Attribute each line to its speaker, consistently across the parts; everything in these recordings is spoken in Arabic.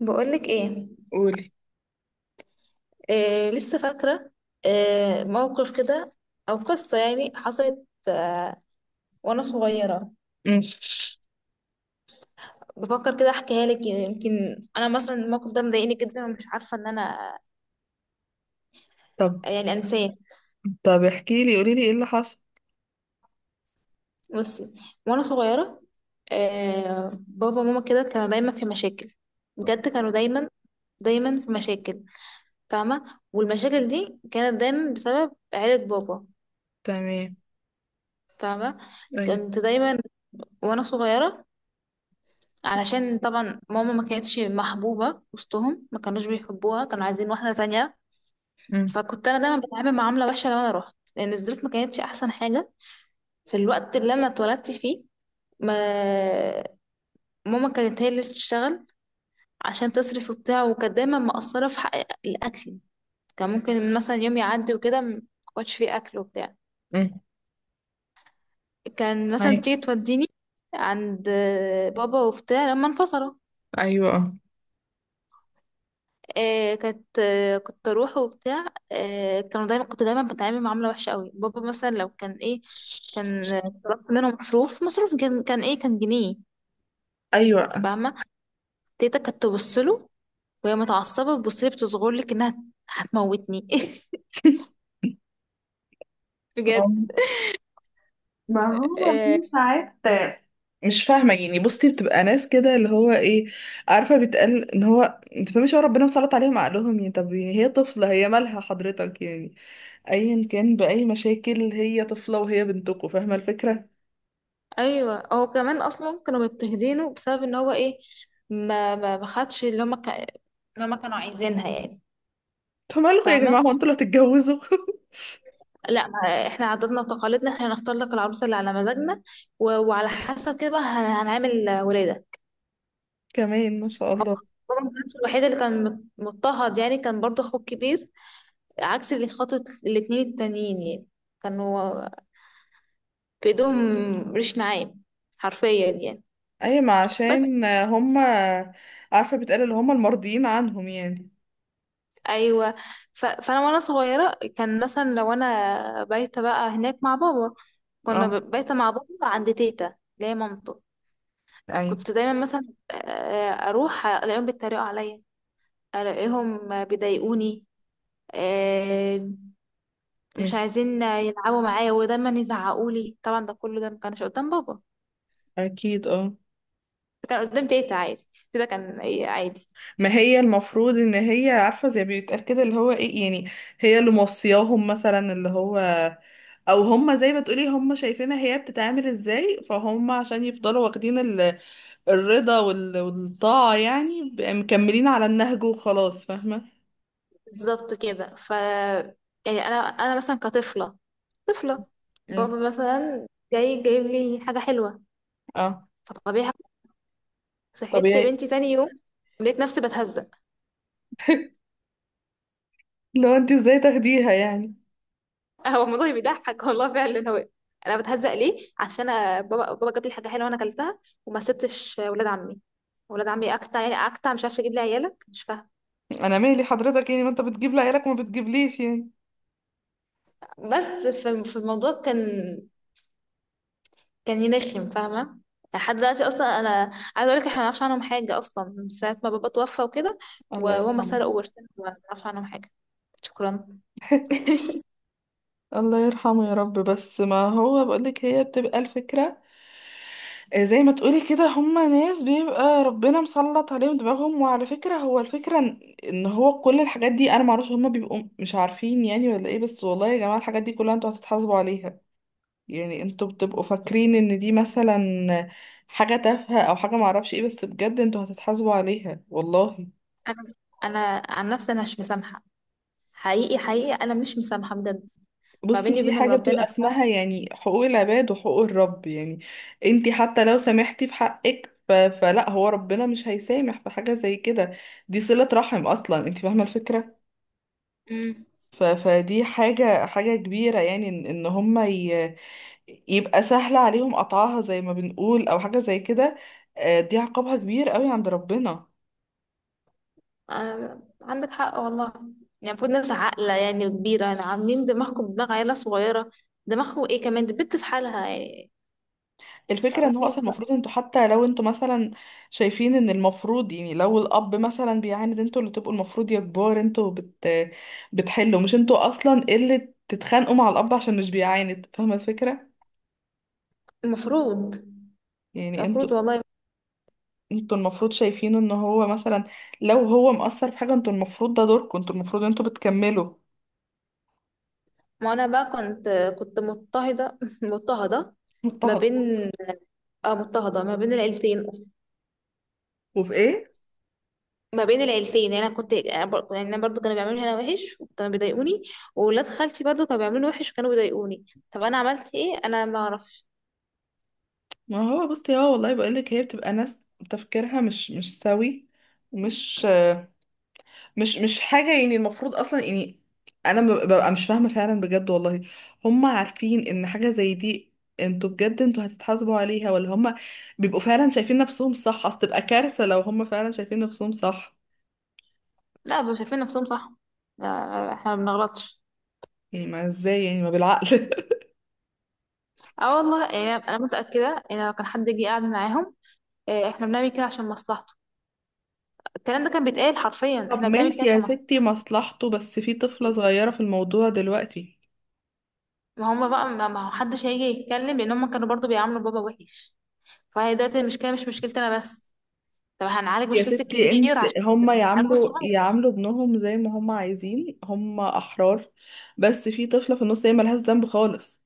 Speaker 1: بقولك ايه؟
Speaker 2: قولي.
Speaker 1: آه، لسه فاكرة. آه، موقف كده او قصة يعني حصلت. وانا صغيرة.
Speaker 2: مم.
Speaker 1: بفكر كده احكيها لك، يمكن انا مثلا الموقف ده مضايقني جدا ومش عارفة ان انا
Speaker 2: طب
Speaker 1: يعني انساه.
Speaker 2: طب احكي لي، قولي لي ايه اللي حصل.
Speaker 1: بصي، وانا صغيرة، بابا وماما كده كانوا دايما في مشاكل. بجد كانوا دايما دايما في مشاكل، فاهمة، والمشاكل دي كانت دايما بسبب عيلة بابا.
Speaker 2: تمام.
Speaker 1: فاهمة،
Speaker 2: ايوه.
Speaker 1: كنت دايما وانا صغيرة، علشان طبعا ماما ما كانتش محبوبة وسطهم، ما كانوش بيحبوها، كانوا عايزين واحدة تانية.
Speaker 2: مم.
Speaker 1: فكنت أنا دايما بتعامل معاملة وحشة لما أنا روحت، لأن الظروف ما كانتش أحسن حاجة في الوقت اللي أنا اتولدت فيه. ما ماما كانت هي اللي بتشتغل عشان تصرف وبتاع، وكانت دايما مقصرة في حق الأكل. كان ممكن مثلا يوم يعدي وكده ما كنتش فيه أكل وبتاع.
Speaker 2: مم.
Speaker 1: كان مثلا تيجي
Speaker 2: معاكي.
Speaker 1: توديني عند بابا وبتاع لما انفصلوا.
Speaker 2: ايوه، اه.
Speaker 1: آه كانت آه كنت اروح وبتاع. آه كانوا دايما كنت دايما بتعامل معامله وحشه قوي. بابا مثلا لو كان ايه، كان طلبت منه مصروف، مصروف كان كان ايه؟ كان جنيه.
Speaker 2: ايوه.
Speaker 1: فاهمه، تيتا كانت تبص له وهي متعصبه، تبص لي بتصغر لك انها هتموتني. بجد.
Speaker 2: آه. ما هو في
Speaker 1: آه.
Speaker 2: ساعات مش فاهمة يعني. بصي، بتبقى ناس كده اللي هو ايه، عارفة بيتقال ان هو، انت فاهمش، هو ربنا مسلط عليهم عقلهم يعني. طب هي طفلة، هي مالها حضرتك يعني؟ ايا كان بأي مشاكل، هي طفلة وهي بنتكم، فاهمة الفكرة؟
Speaker 1: ايوه، هو كمان اصلا كانوا مضطهدينه بسبب ان هو ايه، ما خدش اللي هما اللي هما كانوا عايزينها يعني.
Speaker 2: انتوا مالكم يا جماعة،
Speaker 1: فاهمه،
Speaker 2: هو انتوا اللي هتتجوزوا؟
Speaker 1: لا، ما احنا عاداتنا وتقاليدنا، احنا هنختار لك العروسه اللي على مزاجنا و... وعلى حسب كده بقى هنعمل ولاده.
Speaker 2: كمان ما شاء
Speaker 1: هو
Speaker 2: الله.
Speaker 1: بابا ما كانش الوحيد اللي كان مضطهد يعني، كان برضه اخوه الكبير عكس اللي خاطب، الاتنين التانيين يعني كانوا في ايدهم ريش نعام حرفيا يعني.
Speaker 2: اي، ما
Speaker 1: بس
Speaker 2: عشان هم عارفة، بتقال اللي هم المرضيين عنهم يعني.
Speaker 1: ايوه. ف... فانا وانا صغيره كان مثلا لو انا بايته بقى هناك مع بابا، كنا
Speaker 2: اه.
Speaker 1: بايته مع بابا عند تيتا اللي هي مامته.
Speaker 2: ايوه.
Speaker 1: كنت دايما مثلا اروح الاقيهم بيتريقوا عليا، الاقيهم بيضايقوني، آه، مش
Speaker 2: مم.
Speaker 1: عايزين يلعبوا معايا ودايما يزعقوا لي. طبعا ده كله ده ما كانش قدام بابا،
Speaker 2: اكيد، اه.
Speaker 1: كان قدام تيتا عادي. تيتا كان إيه؟ عادي.
Speaker 2: ما هي المفروض ان هي عارفه، زي بيتقال كده اللي هو ايه يعني، هي اللي موصياهم مثلا اللي هو، او هم زي ما تقولي هم شايفينها هي بتتعامل ازاي، فهم عشان يفضلوا واخدين الرضا والطاعه يعني، بقى مكملين على النهج وخلاص، فاهمه.
Speaker 1: بالظبط كده. يعني انا مثلا كطفله، طفله، بابا
Speaker 2: مم.
Speaker 1: مثلا جاي جايب لي حاجه حلوه،
Speaker 2: اه.
Speaker 1: فطبيعي صحيت
Speaker 2: طبيعي.
Speaker 1: بنتي تاني يوم لقيت نفسي بتهزق.
Speaker 2: لو انت ازاي تاخديها يعني.
Speaker 1: هو الموضوع بيضحك والله فعلا. هو انا بتهزق ليه؟ عشان أنا بابا جاب لي حاجه حلوه وانا اكلتها وما سبتش ولاد عمي. ولاد عمي اكتع يعني، اكتع، مش عارفه اجيب لي عيالك، مش فاهمه.
Speaker 2: انا مالي حضرتك يعني، ما انت بتجيب لعيالك وما بتجيبليش يعني.
Speaker 1: بس في الموضوع كان، كان ينخم، فاهمه. لحد دلوقتي اصلا انا عايزه اقول لك، احنا ما نعرفش عنهم حاجه اصلا من ساعه ما بابا توفى وكده،
Speaker 2: الله
Speaker 1: وهم
Speaker 2: يرحمه.
Speaker 1: سرقوا ورثنا، ما نعرفش عنهم حاجه. شكرا.
Speaker 2: الله يرحمه يا رب. بس ما هو بقولك، هي بتبقى الفكرة، آه، زي ما تقولي كده هما ناس بيبقى ربنا مسلط عليهم دماغهم. وعلى فكرة، هو الفكرة إن هو كل الحاجات دي، انا معرفش هما بيبقوا مش عارفين يعني ولا ايه. بس والله يا جماعة، الحاجات دي كلها انتوا هتتحاسبوا عليها. يعني انتوا بتبقوا فاكرين ان دي مثلا حاجة تافهة او حاجة معرفش ايه، بس بجد انتوا هتتحاسبوا عليها والله.
Speaker 1: انا انا عن نفسي انا مش مسامحه، حقيقي حقيقي انا مش مسامحه بجد. ما
Speaker 2: بصي،
Speaker 1: بيني
Speaker 2: في
Speaker 1: وبينهم
Speaker 2: حاجة بتبقى
Speaker 1: ربنا.
Speaker 2: اسمها يعني حقوق العباد وحقوق الرب يعني. انتي حتى لو سامحتي في حقك، فلا، هو ربنا مش هيسامح في حاجة زي كده. دي صلة رحم اصلا، انتي فاهمة الفكرة.
Speaker 1: بقى.
Speaker 2: فدي حاجة، حاجة كبيرة، يعني إن هما يبقى سهل عليهم قطعها زي ما بنقول او حاجة زي كده. آه، دي عقابها كبير قوي عند ربنا.
Speaker 1: آه، عندك حق والله. يعني المفروض ناس عاقلة يعني كبيرة، يعني عاملين دماغكم دماغ عيلة صغيرة. دماغكم ايه كمان؟ دي بنت في حالها يعني.
Speaker 2: الفكرة ان هو
Speaker 1: متعرفيش
Speaker 2: اصلا
Speaker 1: بقى.
Speaker 2: المفروض انتوا، حتى لو انتوا مثلا شايفين ان المفروض يعني لو الاب مثلا بيعاند، انتوا اللي تبقوا المفروض يا كبار، انتوا بتحلوا، مش انتوا اصلا اللي تتخانقوا مع الاب عشان مش بيعاند، فاهمة الفكرة؟
Speaker 1: المفروض،
Speaker 2: يعني انتوا
Speaker 1: المفروض والله.
Speaker 2: انتوا المفروض شايفين ان هو مثلا لو هو مقصر في حاجة، انتوا المفروض، ده دوركم، انتوا المفروض انتوا بتكملوا.
Speaker 1: ما انا بقى كنت، مضطهدة مضطهدة ما
Speaker 2: مضطهد.
Speaker 1: بين، اه مضطهدة ما بين العيلتين.
Speaker 2: وفي ايه؟
Speaker 1: ما بين العيلتين، يعني انا كنت يعني انا برضو كانوا بيعملولي انا وحش وكانوا بيضايقوني، وولاد خالتي برضو كانوا بيعملوني وحش وكانوا بيضايقوني. طب انا عملت ايه؟ انا ما اعرفش.
Speaker 2: ما هو بصي اه، والله بقولك هي بتبقى ناس تفكيرها مش سوي، ومش مش حاجة يعني المفروض أصلا يعني. أنا ببقى مش فاهمة فعلا بجد والله. هم عارفين إن حاجة زي دي، انتوا بجد انتوا هتتحاسبوا عليها؟ ولا هم بيبقوا فعلا شايفين نفسهم صح؟ أصل تبقى كارثة لو هم فعلا شايفين نفسهم صح.
Speaker 1: لا، مش شايفين نفسهم صح. لا، احنا ما بنغلطش.
Speaker 2: يعني ما ازاي يعني، ما بالعقل.
Speaker 1: اه والله، يعني انا متاكده ان لو كان حد جه قاعد معاهم، احنا بنعمل كده عشان مصلحته، الكلام ده كان بيتقال حرفيا،
Speaker 2: طب
Speaker 1: احنا بنعمل كده
Speaker 2: ماشي يا
Speaker 1: عشان مصلحته.
Speaker 2: ستي مصلحته، بس في طفلة صغيرة في الموضوع دلوقتي.
Speaker 1: ما هم بقى، ما ما هو حدش هيجي يتكلم لان هم كانوا برضو بيعاملوا بابا وحش. فهي دلوقتي المشكله مش مشكلتي انا بس. طب هنعالج
Speaker 2: يا
Speaker 1: مشكلتي
Speaker 2: ستي،
Speaker 1: الكبير
Speaker 2: انت
Speaker 1: عشان
Speaker 2: هم
Speaker 1: نعالج
Speaker 2: يعاملوا
Speaker 1: الصغير.
Speaker 2: يعاملوا ابنهم زي ما هم عايزين، هم أحرار، بس في طفلة في النص هي ملهاش ذنب خالص.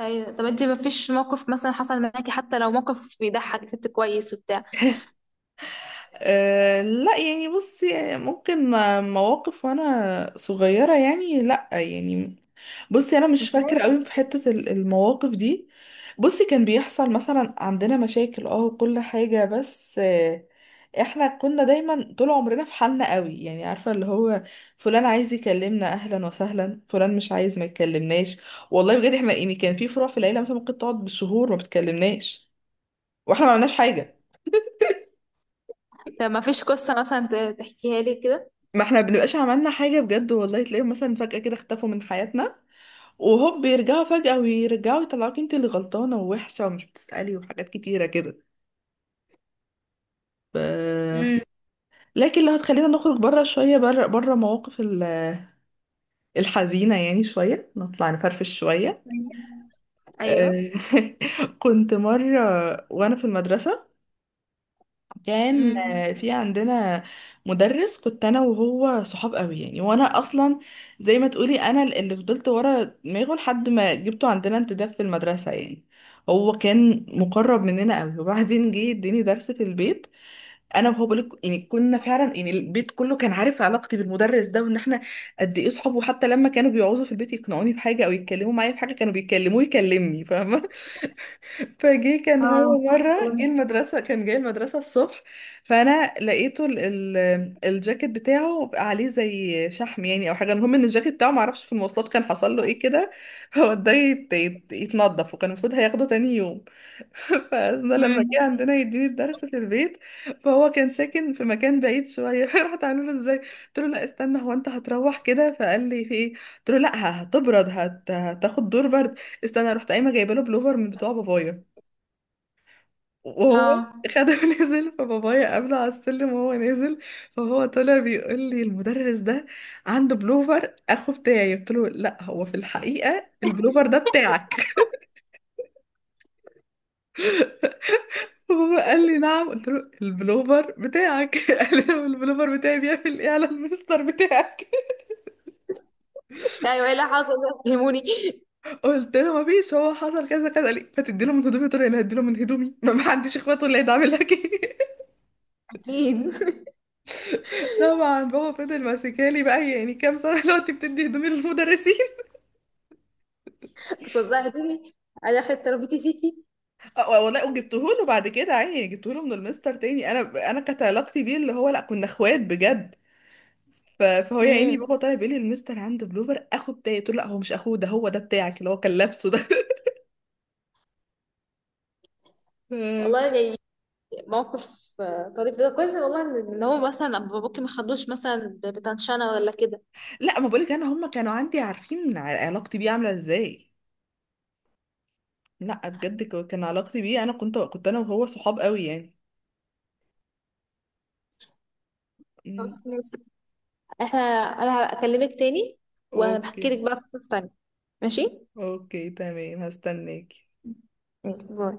Speaker 1: ايوه. طب انت ما فيش موقف مثلا حصل معاكي، حتى لو موقف بيضحك ست كويس وبتاع؟
Speaker 2: أه لا يعني، بصي يعني ممكن مواقف وانا صغيرة، يعني لا يعني. بصي انا مش
Speaker 1: مش
Speaker 2: فاكرة
Speaker 1: لازم.
Speaker 2: قوي في حتة المواقف دي. بصي، كان بيحصل مثلا عندنا مشاكل اه وكل حاجة، بس آه، احنا كنا دايما طول عمرنا في حالنا قوي يعني. عارفة اللي هو فلان عايز يكلمنا، اهلا وسهلا، فلان مش عايز، ما يكلمناش. والله بجد احنا يعني كان في فروع في العيلة مثلا ممكن تقعد بالشهور ما بتكلمناش، واحنا ما عملناش حاجة.
Speaker 1: طب ما فيش قصه مثلا تحكيها لي كده؟
Speaker 2: ما احنا بنبقاش عملنا حاجة بجد والله. تلاقيهم مثلا فجأة كده اختفوا من حياتنا وهوب بيرجعوا فجأة، ويرجعوا يطلعوك انت اللي غلطانة ووحشة ومش بتسألي وحاجات كتيرة كده. ف...
Speaker 1: امم.
Speaker 2: لكن لو هتخلينا نخرج بره شوية، بره بره مواقف الحزينة يعني شوية، نطلع نفرفش شوية.
Speaker 1: ايوه.
Speaker 2: آه. كنت مرة وأنا في المدرسة، كان
Speaker 1: امم.
Speaker 2: آه، في عندنا مدرس. كنت انا وهو صحاب قوي يعني، وانا اصلا زي ما تقولي انا اللي فضلت ورا دماغه لحد ما جبته عندنا انتداب في المدرسة يعني. هو كان مقرب مننا قوي وبعدين جه اديني درس في البيت. انا وهو بقولك يعني كنا فعلا يعني البيت كله كان عارف علاقتي بالمدرس ده، وان احنا قد ايه صحاب، وحتى لما كانوا بيقعدوا في البيت يقنعوني بحاجة او يتكلموا معايا في حاجة كانوا بيكلموه يكلمني. فجه كان
Speaker 1: اه.
Speaker 2: هو مرة جه المدرسة، كان جاي المدرسة الصبح، فأنا لقيته ال ال الجاكيت بتاعه عليه زي شحم يعني أو حاجة. المهم إن الجاكيت بتاعه معرفش في المواصلات كان حصل له إيه كده. هو ده يتنضف، وكان المفروض هياخده تاني يوم. فأنا لما جه
Speaker 1: امم.
Speaker 2: عندنا يديني الدرس في البيت، فهو كان ساكن في مكان بعيد شوية. رحت عامله له إزاي، قلت له لا استنى، هو أنت هتروح كده؟ فقال لي في إيه؟ قلت له لا هتبرد، هتاخد دور برد، استنى. رحت قايمة جايبه له بلوفر من بتوع بابايا، وهو
Speaker 1: اه.
Speaker 2: خده. ونزل، فبابايا قابله على السلم وهو نازل. فهو طلع بيقول لي المدرس ده عنده بلوفر اخو بتاعي. قلت له لا، هو في الحقيقة البلوفر ده بتاعك. وهو قال لي نعم، قلت له البلوفر بتاعك. قال لي: "هو البلوفر بتاعي بيعمل ايه على المستر بتاعك؟
Speaker 1: ايوه، ايه اللي حصل ده؟ فهموني.
Speaker 2: قلت له ما فيش، هو حصل كذا كذا. قال لي فتدي له من هدومي؟ قلت له انا هدي له من هدومي؟ ما عنديش اخوات ولا هيدعمل لك. ايه.
Speaker 1: اكيد.
Speaker 2: طبعا بابا فضل ماسكالي، بقى يعني كام سنة دلوقتي بتدي هدومي للمدرسين.
Speaker 1: بتوزعي هدومي. انا اخدت تربيتي فيكي.
Speaker 2: آه، والله وجبته له بعد كده، عيني جبته له من المستر تاني. انا كانت علاقتي بيه اللي هو لا، كنا اخوات بجد. فهو يا عيني بابا
Speaker 1: امم.
Speaker 2: طالع بيقول لي المستر عنده بلوفر اخو بتاعي. قلت له لا هو مش اخوه ده، هو ده بتاعك اللي هو كان لابسه ده.
Speaker 1: والله
Speaker 2: ف-
Speaker 1: يعني موقف طريف ده كويس. والله ان هو مثلا أبو باباكي ما خدوش مثلا بتنشنه ولا كده.
Speaker 2: لا، ما بقولك انا، هم كانوا عندي عارفين علاقتي بيه عامله ازاي. لا بجد، كان علاقتي بيه انا كنت انا وهو صحاب قوي يعني. أمم،
Speaker 1: خلاص ماشي، احنا، انا هكلمك تاني
Speaker 2: اوكي.
Speaker 1: وهبحكي لك بقى قصص تانية. ماشي.
Speaker 2: اوكي تمام، هستناكي.
Speaker 1: ماشي، باي.